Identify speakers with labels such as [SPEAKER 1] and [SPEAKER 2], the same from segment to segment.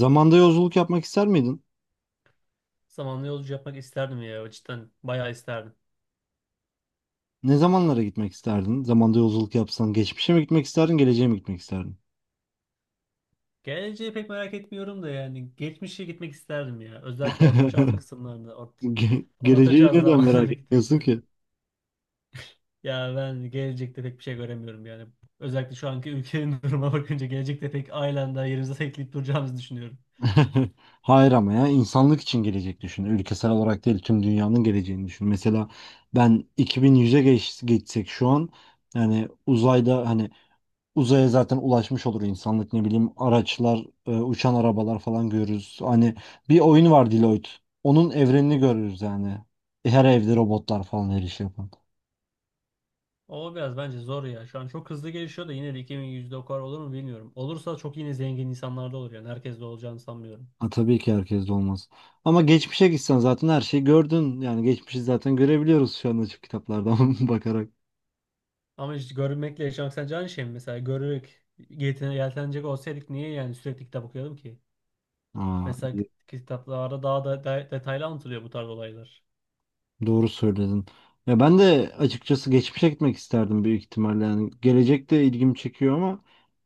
[SPEAKER 1] Zamanda yolculuk yapmak ister miydin?
[SPEAKER 2] Zamanlı yolcu yapmak isterdim ya cidden bayağı isterdim.
[SPEAKER 1] Ne zamanlara gitmek isterdin? Zamanda yolculuk yapsan geçmişe mi gitmek isterdin, geleceğe mi gitmek isterdin?
[SPEAKER 2] Geleceği pek merak etmiyorum da yani geçmişe gitmek isterdim ya. Özellikle orta çağ kısımlarında orta
[SPEAKER 1] Geleceği
[SPEAKER 2] çağ
[SPEAKER 1] neden merak
[SPEAKER 2] zamanlara gitmek
[SPEAKER 1] etmiyorsun ki?
[SPEAKER 2] isterdim. Ya ben gelecekte pek bir şey göremiyorum yani. Özellikle şu anki ülkenin duruma bakınca gelecekte pek aynen daha yerimize tekleyip duracağımızı düşünüyorum.
[SPEAKER 1] Hayır ama ya insanlık için gelecek düşün. Ülkesel olarak değil tüm dünyanın geleceğini düşün. Mesela ben 2100'e geçsek şu an, yani uzayda hani uzaya zaten ulaşmış olur insanlık, ne bileyim araçlar, uçan arabalar falan görürüz. Hani bir oyun var, Deloitte. Onun evrenini görürüz yani. Her evde robotlar falan, her işi yapan.
[SPEAKER 2] O biraz bence zor ya. Şu an çok hızlı gelişiyor da yine de 2100'de o kadar olur mu bilmiyorum. Olursa çok yine zengin insanlarda olur yani. Herkes de olacağını sanmıyorum.
[SPEAKER 1] Ha, tabii ki herkes de olmaz. Ama geçmişe gitsen zaten her şeyi gördün. Yani geçmişi zaten görebiliyoruz şu an, açık kitaplardan bakarak.
[SPEAKER 2] Ama işte görmekle yaşamak sence aynı şey mi? Mesela görerek yeltenecek olsaydık niye yani sürekli kitap okuyalım ki?
[SPEAKER 1] Aa,
[SPEAKER 2] Mesela kitaplarda daha da detaylı anlatılıyor bu tarz olaylar.
[SPEAKER 1] doğru söyledin. Ya ben de açıkçası geçmişe gitmek isterdim büyük ihtimalle. Yani gelecek de ilgimi çekiyor ama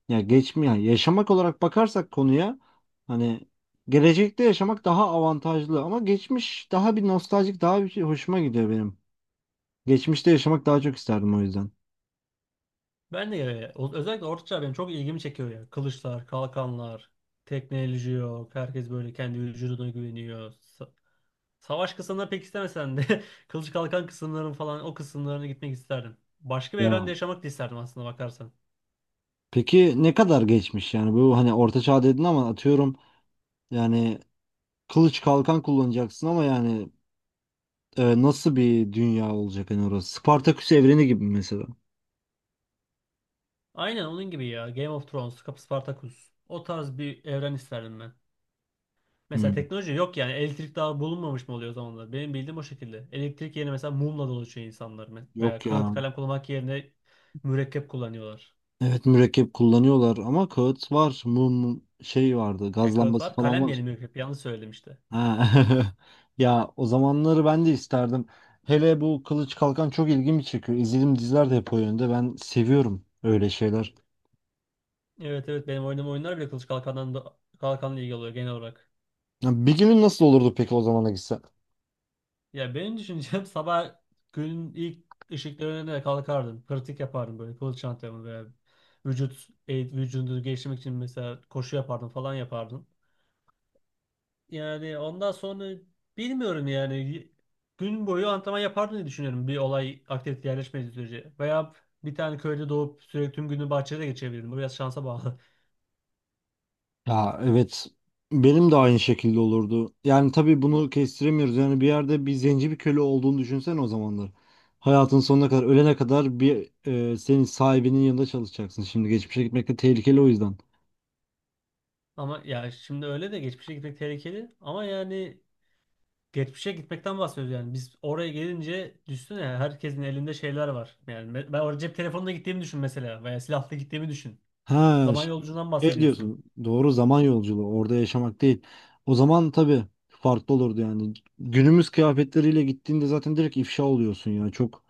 [SPEAKER 1] ya geçmiyor. Yani yaşamak olarak bakarsak konuya, hani gelecekte yaşamak daha avantajlı ama geçmiş daha bir nostaljik, daha bir şey hoşuma gidiyor benim. Geçmişte yaşamak daha çok isterdim o yüzden.
[SPEAKER 2] Ben de özellikle Orta Çağ benim çok ilgimi çekiyor ya. Kılıçlar, kalkanlar, teknoloji yok. Herkes böyle kendi vücuduna güveniyor. Savaş kısımlarını pek istemesen de kılıç kalkan kısımların falan o kısımlarına gitmek isterdim. Başka bir evrende
[SPEAKER 1] Ya
[SPEAKER 2] yaşamak da isterdim aslında bakarsan.
[SPEAKER 1] peki ne kadar geçmiş yani bu, hani orta çağ dedin ama atıyorum yani kılıç kalkan kullanacaksın ama yani nasıl bir dünya olacak hani orası? Spartaküs evreni gibi mi mesela.
[SPEAKER 2] Aynen onun gibi ya. Game of Thrones, Spartacus. O tarz bir evren isterdim ben. Mesela
[SPEAKER 1] Hmm,
[SPEAKER 2] teknoloji yok yani. Elektrik daha bulunmamış mı oluyor o zamanlar? Benim bildiğim o şekilde. Elektrik yerine mesela mumla dolaşıyor insanlar. Veya
[SPEAKER 1] yok
[SPEAKER 2] kağıt
[SPEAKER 1] ya.
[SPEAKER 2] kalem kullanmak yerine mürekkep kullanıyorlar.
[SPEAKER 1] Evet, mürekkep kullanıyorlar ama kağıt var, mum şey vardı,
[SPEAKER 2] Yani
[SPEAKER 1] gaz
[SPEAKER 2] kağıt
[SPEAKER 1] lambası
[SPEAKER 2] var.
[SPEAKER 1] falan
[SPEAKER 2] Kalem yerine
[SPEAKER 1] var.
[SPEAKER 2] mürekkep. Yanlış söyledim işte.
[SPEAKER 1] Ha. Ya o zamanları ben de isterdim. Hele bu kılıç kalkan çok ilgimi çekiyor. İzlediğim diziler de hep o yönde. Ben seviyorum öyle şeyler.
[SPEAKER 2] Evet evet benim oynadığım oyunlar bile kılıç kalkandan da, kalkanla ilgili oluyor genel olarak.
[SPEAKER 1] Ya bir günün nasıl olurdu peki o zamana gitsen?
[SPEAKER 2] Ya benim düşüncem sabah günün ilk ışıklarına kalkardın. Pratik yapardın böyle kılıç antrenmanı veya vücudunu geliştirmek için mesela koşu yapardın falan yapardın. Yani ondan sonra bilmiyorum yani gün boyu antrenman yapardım diye düşünüyorum bir olay aktivite yerleşmediği sürece. Veya bir tane köyde doğup sürekli tüm günü bahçede geçirebilirdim. Bu biraz şansa bağlı.
[SPEAKER 1] Ya, evet. Benim de aynı şekilde olurdu. Yani tabii bunu kestiremiyoruz. Yani bir yerde bir zenci, bir köle olduğunu düşünsene o zamanlar. Hayatın sonuna kadar, ölene kadar bir senin sahibinin yanında çalışacaksın. Şimdi geçmişe gitmek de tehlikeli o yüzden.
[SPEAKER 2] Ama ya şimdi öyle de geçmişe gitmek tehlikeli. Ama yani geçmişe gitmekten bahsediyoruz yani. Biz oraya gelince düşünsene herkesin elinde şeyler var. Yani ben oraya cep telefonla gittiğimi düşün mesela veya silahla gittiğimi düşün.
[SPEAKER 1] Ha,
[SPEAKER 2] Zaman
[SPEAKER 1] şey
[SPEAKER 2] yolculuğundan
[SPEAKER 1] şey
[SPEAKER 2] bahsediyorsun.
[SPEAKER 1] diyorsun. Doğru, zaman yolculuğu. Orada yaşamak değil. O zaman tabii farklı olurdu yani. Günümüz kıyafetleriyle gittiğinde zaten direkt ifşa oluyorsun ya. Çok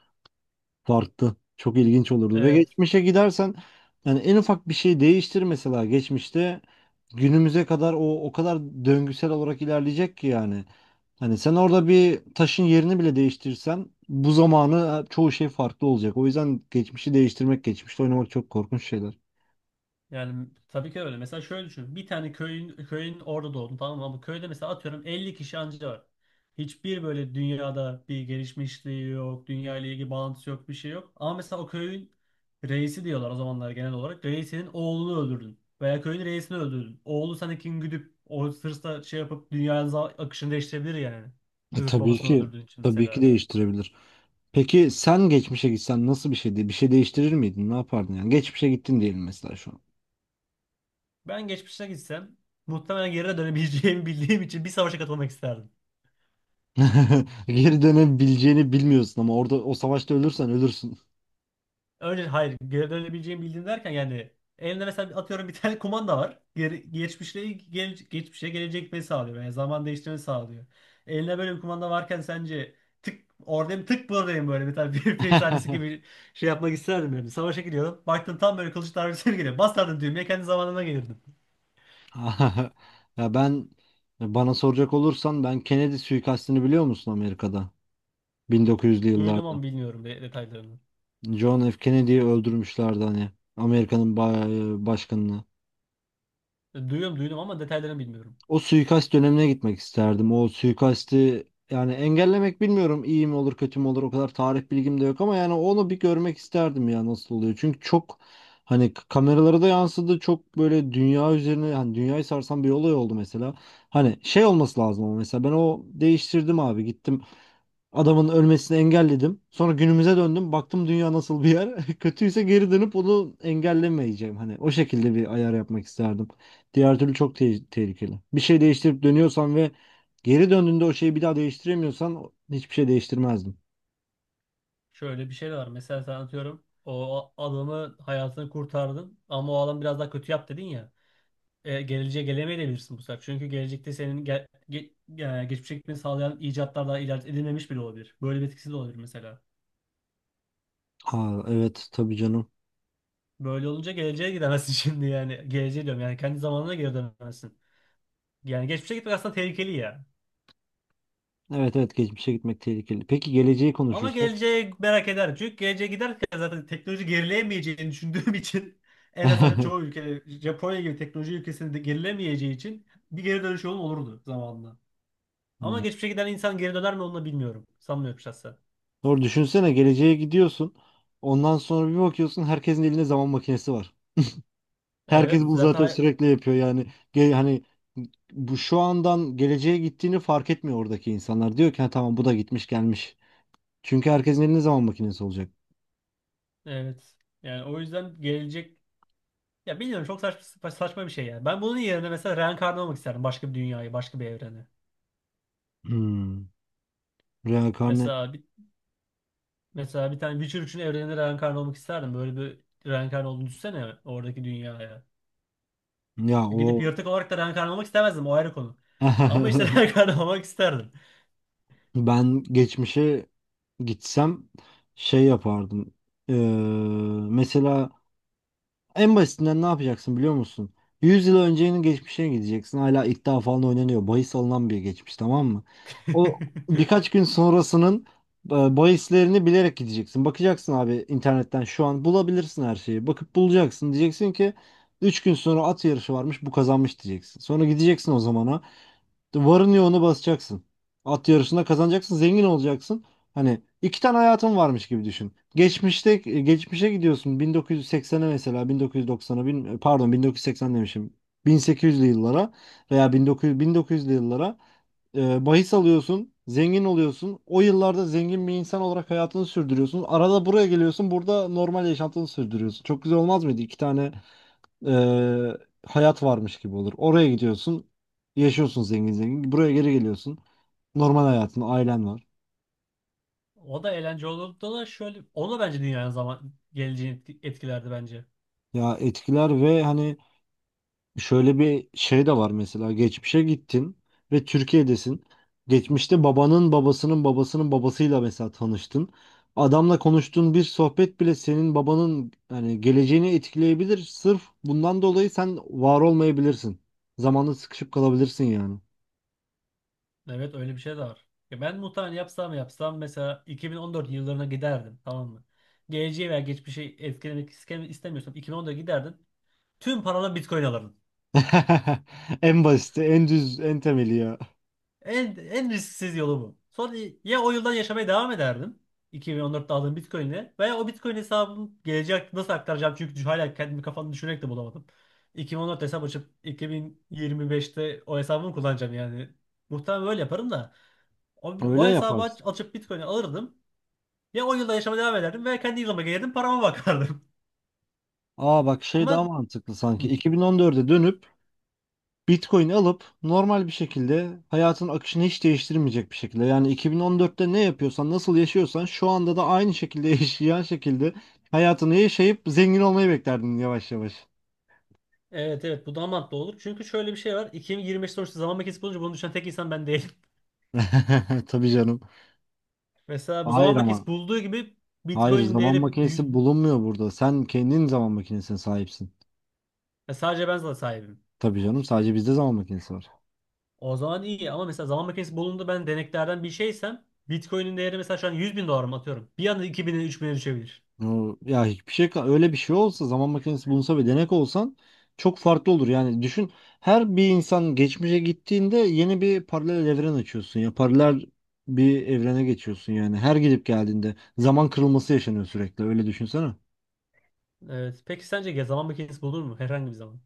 [SPEAKER 1] farklı. Çok ilginç olurdu. Ve
[SPEAKER 2] Ee,
[SPEAKER 1] geçmişe gidersen, yani en ufak bir şey değiştir mesela geçmişte, günümüze kadar o kadar döngüsel olarak ilerleyecek ki yani. Hani sen orada bir taşın yerini bile değiştirsen bu zamanı çoğu şey farklı olacak. O yüzden geçmişi değiştirmek, geçmişte oynamak çok korkunç şeyler.
[SPEAKER 2] Yani tabii ki öyle. Mesela şöyle düşün. Bir tane köyün orada doğdun, tamam mı? Ama köyde mesela atıyorum 50 kişi anca var. Hiçbir böyle dünyada bir gelişmişliği yok. Dünya ile ilgili bağlantısı yok. Bir şey yok. Ama mesela o köyün reisi diyorlar o zamanlar genel olarak. Reisinin oğlunu öldürdün. Veya köyün reisini öldürdün. Oğlu sana kin güdüp o hırsla şey yapıp dünyanın akışını değiştirebilir yani. Sırf
[SPEAKER 1] Tabii
[SPEAKER 2] babasını
[SPEAKER 1] ki,
[SPEAKER 2] öldürdüğün için
[SPEAKER 1] tabii ki
[SPEAKER 2] mesela.
[SPEAKER 1] değiştirebilir. Peki sen geçmişe gitsen nasıl bir şeydi? Bir şey değiştirir miydin? Ne yapardın yani? Geçmişe gittin diyelim mesela şu an.
[SPEAKER 2] Ben geçmişe gitsem muhtemelen geri dönemeyeceğimi bildiğim için bir savaşa katılmak isterdim.
[SPEAKER 1] Geri dönebileceğini bilmiyorsun ama orada o savaşta ölürsen ölürsün.
[SPEAKER 2] Önce hayır, geri dönebileceğimi bildiğim derken yani elinde mesela atıyorum bir tane kumanda var. Geri, geçmişe gelecek gitmeyi sağlıyor. Yani zaman değiştirmeyi sağlıyor. Eline böyle bir kumanda varken sence tık oradayım tık buradayım böyle bir tane bir film sahnesi gibi şey yapmak isterdim yani. Savaşa gidiyorum. Baktın tam böyle kılıç darbesi geliyor. Basardın düğmeye kendi zamanına gelirdin.
[SPEAKER 1] Ya ben, bana soracak olursan, ben Kennedy suikastini biliyor musun, Amerika'da? 1900'lü
[SPEAKER 2] Duydum
[SPEAKER 1] yıllarda.
[SPEAKER 2] ama bilmiyorum detaylarını.
[SPEAKER 1] John F. Kennedy'yi öldürmüşlerdi hani. Amerika'nın başkanını.
[SPEAKER 2] E, Duyuyorum Duydum ama detaylarını bilmiyorum.
[SPEAKER 1] O suikast dönemine gitmek isterdim. O suikasti yani engellemek bilmiyorum iyi mi olur kötü mü olur, o kadar tarih bilgim de yok ama yani onu bir görmek isterdim ya nasıl oluyor. Çünkü çok hani kameralara da yansıdı, çok böyle dünya üzerine, hani dünyayı sarsan bir olay oldu mesela. Hani şey olması lazım ama mesela ben o değiştirdim abi, gittim adamın ölmesini engelledim. Sonra günümüze döndüm, baktım dünya nasıl bir yer, kötüyse geri dönüp onu engellemeyeceğim, hani o şekilde bir ayar yapmak isterdim. Diğer türlü çok tehlikeli. Bir şey değiştirip dönüyorsan ve geri döndüğünde o şeyi bir daha değiştiremiyorsan, hiçbir şey değiştirmezdim.
[SPEAKER 2] Şöyle bir şey de var. Mesela sen atıyorum o adamı hayatını kurtardın ama o adam biraz daha kötü yap dedin ya. Geleceğe gelemeyebilirsin bu sefer. Çünkü gelecekte senin ge ge e, geçmişe gitmeni sağlayan icatlar daha icat edilmemiş bile olabilir. Böyle bir etkisi de olabilir mesela.
[SPEAKER 1] Aa, evet tabii canım.
[SPEAKER 2] Böyle olunca geleceğe gidemezsin şimdi yani. Geleceğe diyorum yani, kendi zamanına geri dönemezsin. Yani geçmişe gitmek aslında tehlikeli ya.
[SPEAKER 1] Evet, evet, geçmişe gitmek tehlikeli. Peki geleceği
[SPEAKER 2] Ama
[SPEAKER 1] konuşursak.
[SPEAKER 2] geleceğe merak eder. Çünkü geleceğe giderken zaten teknoloji gerileyemeyeceğini düşündüğüm için en azından çoğu ülke Japonya gibi teknoloji ülkesinde de gerilemeyeceği için bir geri dönüş yolun olurdu zamanında. Ama
[SPEAKER 1] Hmm.
[SPEAKER 2] geçmişe giden insan geri döner mi onu da bilmiyorum. Sanmıyorum şahsen.
[SPEAKER 1] Doğru, düşünsene geleceğe gidiyorsun. Ondan sonra bir bakıyorsun herkesin elinde zaman makinesi var. Herkes
[SPEAKER 2] Evet
[SPEAKER 1] bunu zaten
[SPEAKER 2] zaten.
[SPEAKER 1] sürekli yapıyor yani. Hani bu şu andan geleceğe gittiğini fark etmiyor oradaki insanlar. Diyor ki, "Ha, tamam, bu da gitmiş gelmiş." Çünkü herkesin elinde zaman makinesi olacak.
[SPEAKER 2] Evet. Yani o yüzden gelecek ya bilmiyorum çok saçma bir şey yani. Ben bunun yerine mesela reenkarnı olmak isterdim başka bir dünyayı, başka bir evreni.
[SPEAKER 1] Hmm. Reenkarne
[SPEAKER 2] Mesela bir Mesela bir tane Witcher 3'ün evreninde reenkarnı olmak isterdim. Böyle bir reenkarnı olduğunu düşünsene oradaki dünyaya.
[SPEAKER 1] ya
[SPEAKER 2] Gidip
[SPEAKER 1] o.
[SPEAKER 2] yırtık olarak da reenkarnı olmak istemezdim, o ayrı konu. Ama işte reenkarnı olmak isterdim.
[SPEAKER 1] Ben geçmişe gitsem şey yapardım. Ee, mesela en basitinden ne yapacaksın biliyor musun? 100 yıl öncenin geçmişine gideceksin. Hala iddia falan oynanıyor. Bahis alınan bir geçmiş, tamam mı? O birkaç gün sonrasının e, bahislerini bilerek gideceksin. Bakacaksın, abi internetten şu an bulabilirsin her şeyi. Bakıp bulacaksın. Diyeceksin ki 3 gün sonra at yarışı varmış, bu kazanmış diyeceksin. Sonra gideceksin o zamana. Varın yoğunu basacaksın. At yarışında kazanacaksın, zengin olacaksın. Hani iki tane hayatın varmış gibi düşün. Geçmişte, geçmişe gidiyorsun 1980'e mesela, 1990'a, pardon 1980 demişim. 1800'lü yıllara veya 1900'lü yıllara bahis alıyorsun, zengin oluyorsun. O yıllarda zengin bir insan olarak hayatını sürdürüyorsun. Arada buraya geliyorsun, burada normal yaşantını sürdürüyorsun. Çok güzel olmaz mıydı? İki tane eee, hayat varmış gibi olur. Oraya gidiyorsun, yaşıyorsun zengin zengin. Buraya geri geliyorsun. Normal hayatın, ailen var.
[SPEAKER 2] O da eğlence olurdu da şöyle, o da bence dünyanın zaman geleceğini etkilerdi bence.
[SPEAKER 1] Ya etkiler ve hani, şöyle bir şey de var mesela. Geçmişe gittin ve Türkiye'desin. Geçmişte babanın babasının babasının babasıyla mesela tanıştın. Adamla konuştuğun bir sohbet bile senin babanın hani geleceğini etkileyebilir. Sırf bundan dolayı sen var olmayabilirsin. Zamanla sıkışıp kalabilirsin yani.
[SPEAKER 2] Evet öyle bir şey de var. Ya ben muhtemelen yapsam yapsam mesela 2014 yıllarına giderdim, tamam mı? Geleceği veya geçmişi etkilemek istemiyorsam 2014'e giderdim. Tüm paranla Bitcoin alırdın.
[SPEAKER 1] En basiti, en düz, en temeli ya.
[SPEAKER 2] En risksiz yolu bu. Sonra ya o yıldan yaşamaya devam ederdim. 2014'te aldığım Bitcoin'le veya o Bitcoin hesabımı geleceğe nasıl aktaracağım çünkü hala kendimi kafamda düşünerek de bulamadım. 2014 hesap açıp 2025'te o hesabımı kullanacağım yani. Muhtemelen böyle yaparım da
[SPEAKER 1] Öyle
[SPEAKER 2] o hesabı
[SPEAKER 1] yaparız.
[SPEAKER 2] açıp Bitcoin'i alırdım. Ya 10 yılda yaşama devam ederdim veya kendi yılıma gelirdim parama bakardım.
[SPEAKER 1] Aa bak şey daha
[SPEAKER 2] Ama
[SPEAKER 1] mantıklı
[SPEAKER 2] hı.
[SPEAKER 1] sanki. 2014'e dönüp Bitcoin alıp, normal bir şekilde hayatın akışını hiç değiştirmeyecek bir şekilde. Yani 2014'te ne yapıyorsan, nasıl yaşıyorsan şu anda da aynı şekilde yaşayan şekilde hayatını yaşayıp zengin olmayı beklerdin, yavaş yavaş.
[SPEAKER 2] Evet evet, bu daha mantıklı olur. Çünkü şöyle bir şey var. 2025 sonuçta zaman makinesi bulunca bunu düşünen tek insan ben değilim.
[SPEAKER 1] Tabii canım.
[SPEAKER 2] Mesela bu zaman
[SPEAKER 1] Hayır ama.
[SPEAKER 2] makinesi bulduğu gibi
[SPEAKER 1] Hayır,
[SPEAKER 2] Bitcoin'in
[SPEAKER 1] zaman
[SPEAKER 2] değeri
[SPEAKER 1] makinesi
[SPEAKER 2] büyük.
[SPEAKER 1] bulunmuyor burada. Sen kendin zaman makinesine sahipsin.
[SPEAKER 2] Ya sadece ben zaten sahibim.
[SPEAKER 1] Tabii canım, sadece bizde zaman makinesi var.
[SPEAKER 2] O zaman iyi ama mesela zaman makinesi bulundu, ben deneklerden bir şeysem Bitcoin'in değeri mesela şu an 100 bin dolar mı atıyorum. Bir anda 2000'e bin'e düşebilir.
[SPEAKER 1] Ya hiçbir şey, öyle bir şey olsa, zaman makinesi bulunsa ve denek olsan çok farklı olur. Yani düşün, her bir insan geçmişe gittiğinde yeni bir paralel evren açıyorsun ya, paralel bir evrene geçiyorsun yani. Her gidip geldiğinde zaman kırılması yaşanıyor sürekli, öyle düşünsene.
[SPEAKER 2] Evet. Peki sence ya zaman makinesi bulunur mu herhangi bir zaman?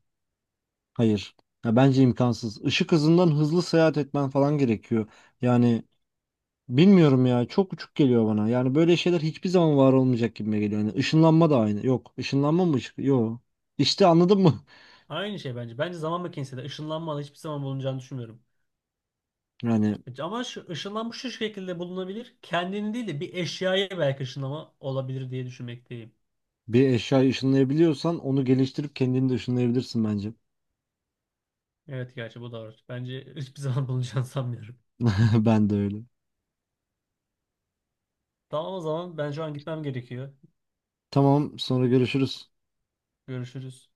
[SPEAKER 1] Hayır. Ya bence imkansız. Işık hızından hızlı seyahat etmen falan gerekiyor. Yani bilmiyorum ya, çok uçuk geliyor bana. Yani böyle şeyler hiçbir zaman var olmayacak gibi geliyor. Yani ışınlanma da aynı. Yok. Işınlanma mı ışık? Yok. İşte anladın mı?
[SPEAKER 2] Aynı şey bence. Bence zaman makinesi de ışınlanma hiçbir zaman bulunacağını düşünmüyorum.
[SPEAKER 1] Yani
[SPEAKER 2] Evet, ama ışınlanma şu şekilde bulunabilir. Kendini değil de bir eşyaya belki ışınlama olabilir diye düşünmekteyim.
[SPEAKER 1] bir eşyayı ışınlayabiliyorsan onu geliştirip kendini de ışınlayabilirsin bence.
[SPEAKER 2] Evet gerçi bu da var. Bence hiçbir zaman bulunacağını sanmıyorum.
[SPEAKER 1] Ben de öyle.
[SPEAKER 2] Tamam, o zaman ben şu an gitmem gerekiyor.
[SPEAKER 1] Tamam, sonra görüşürüz.
[SPEAKER 2] Görüşürüz.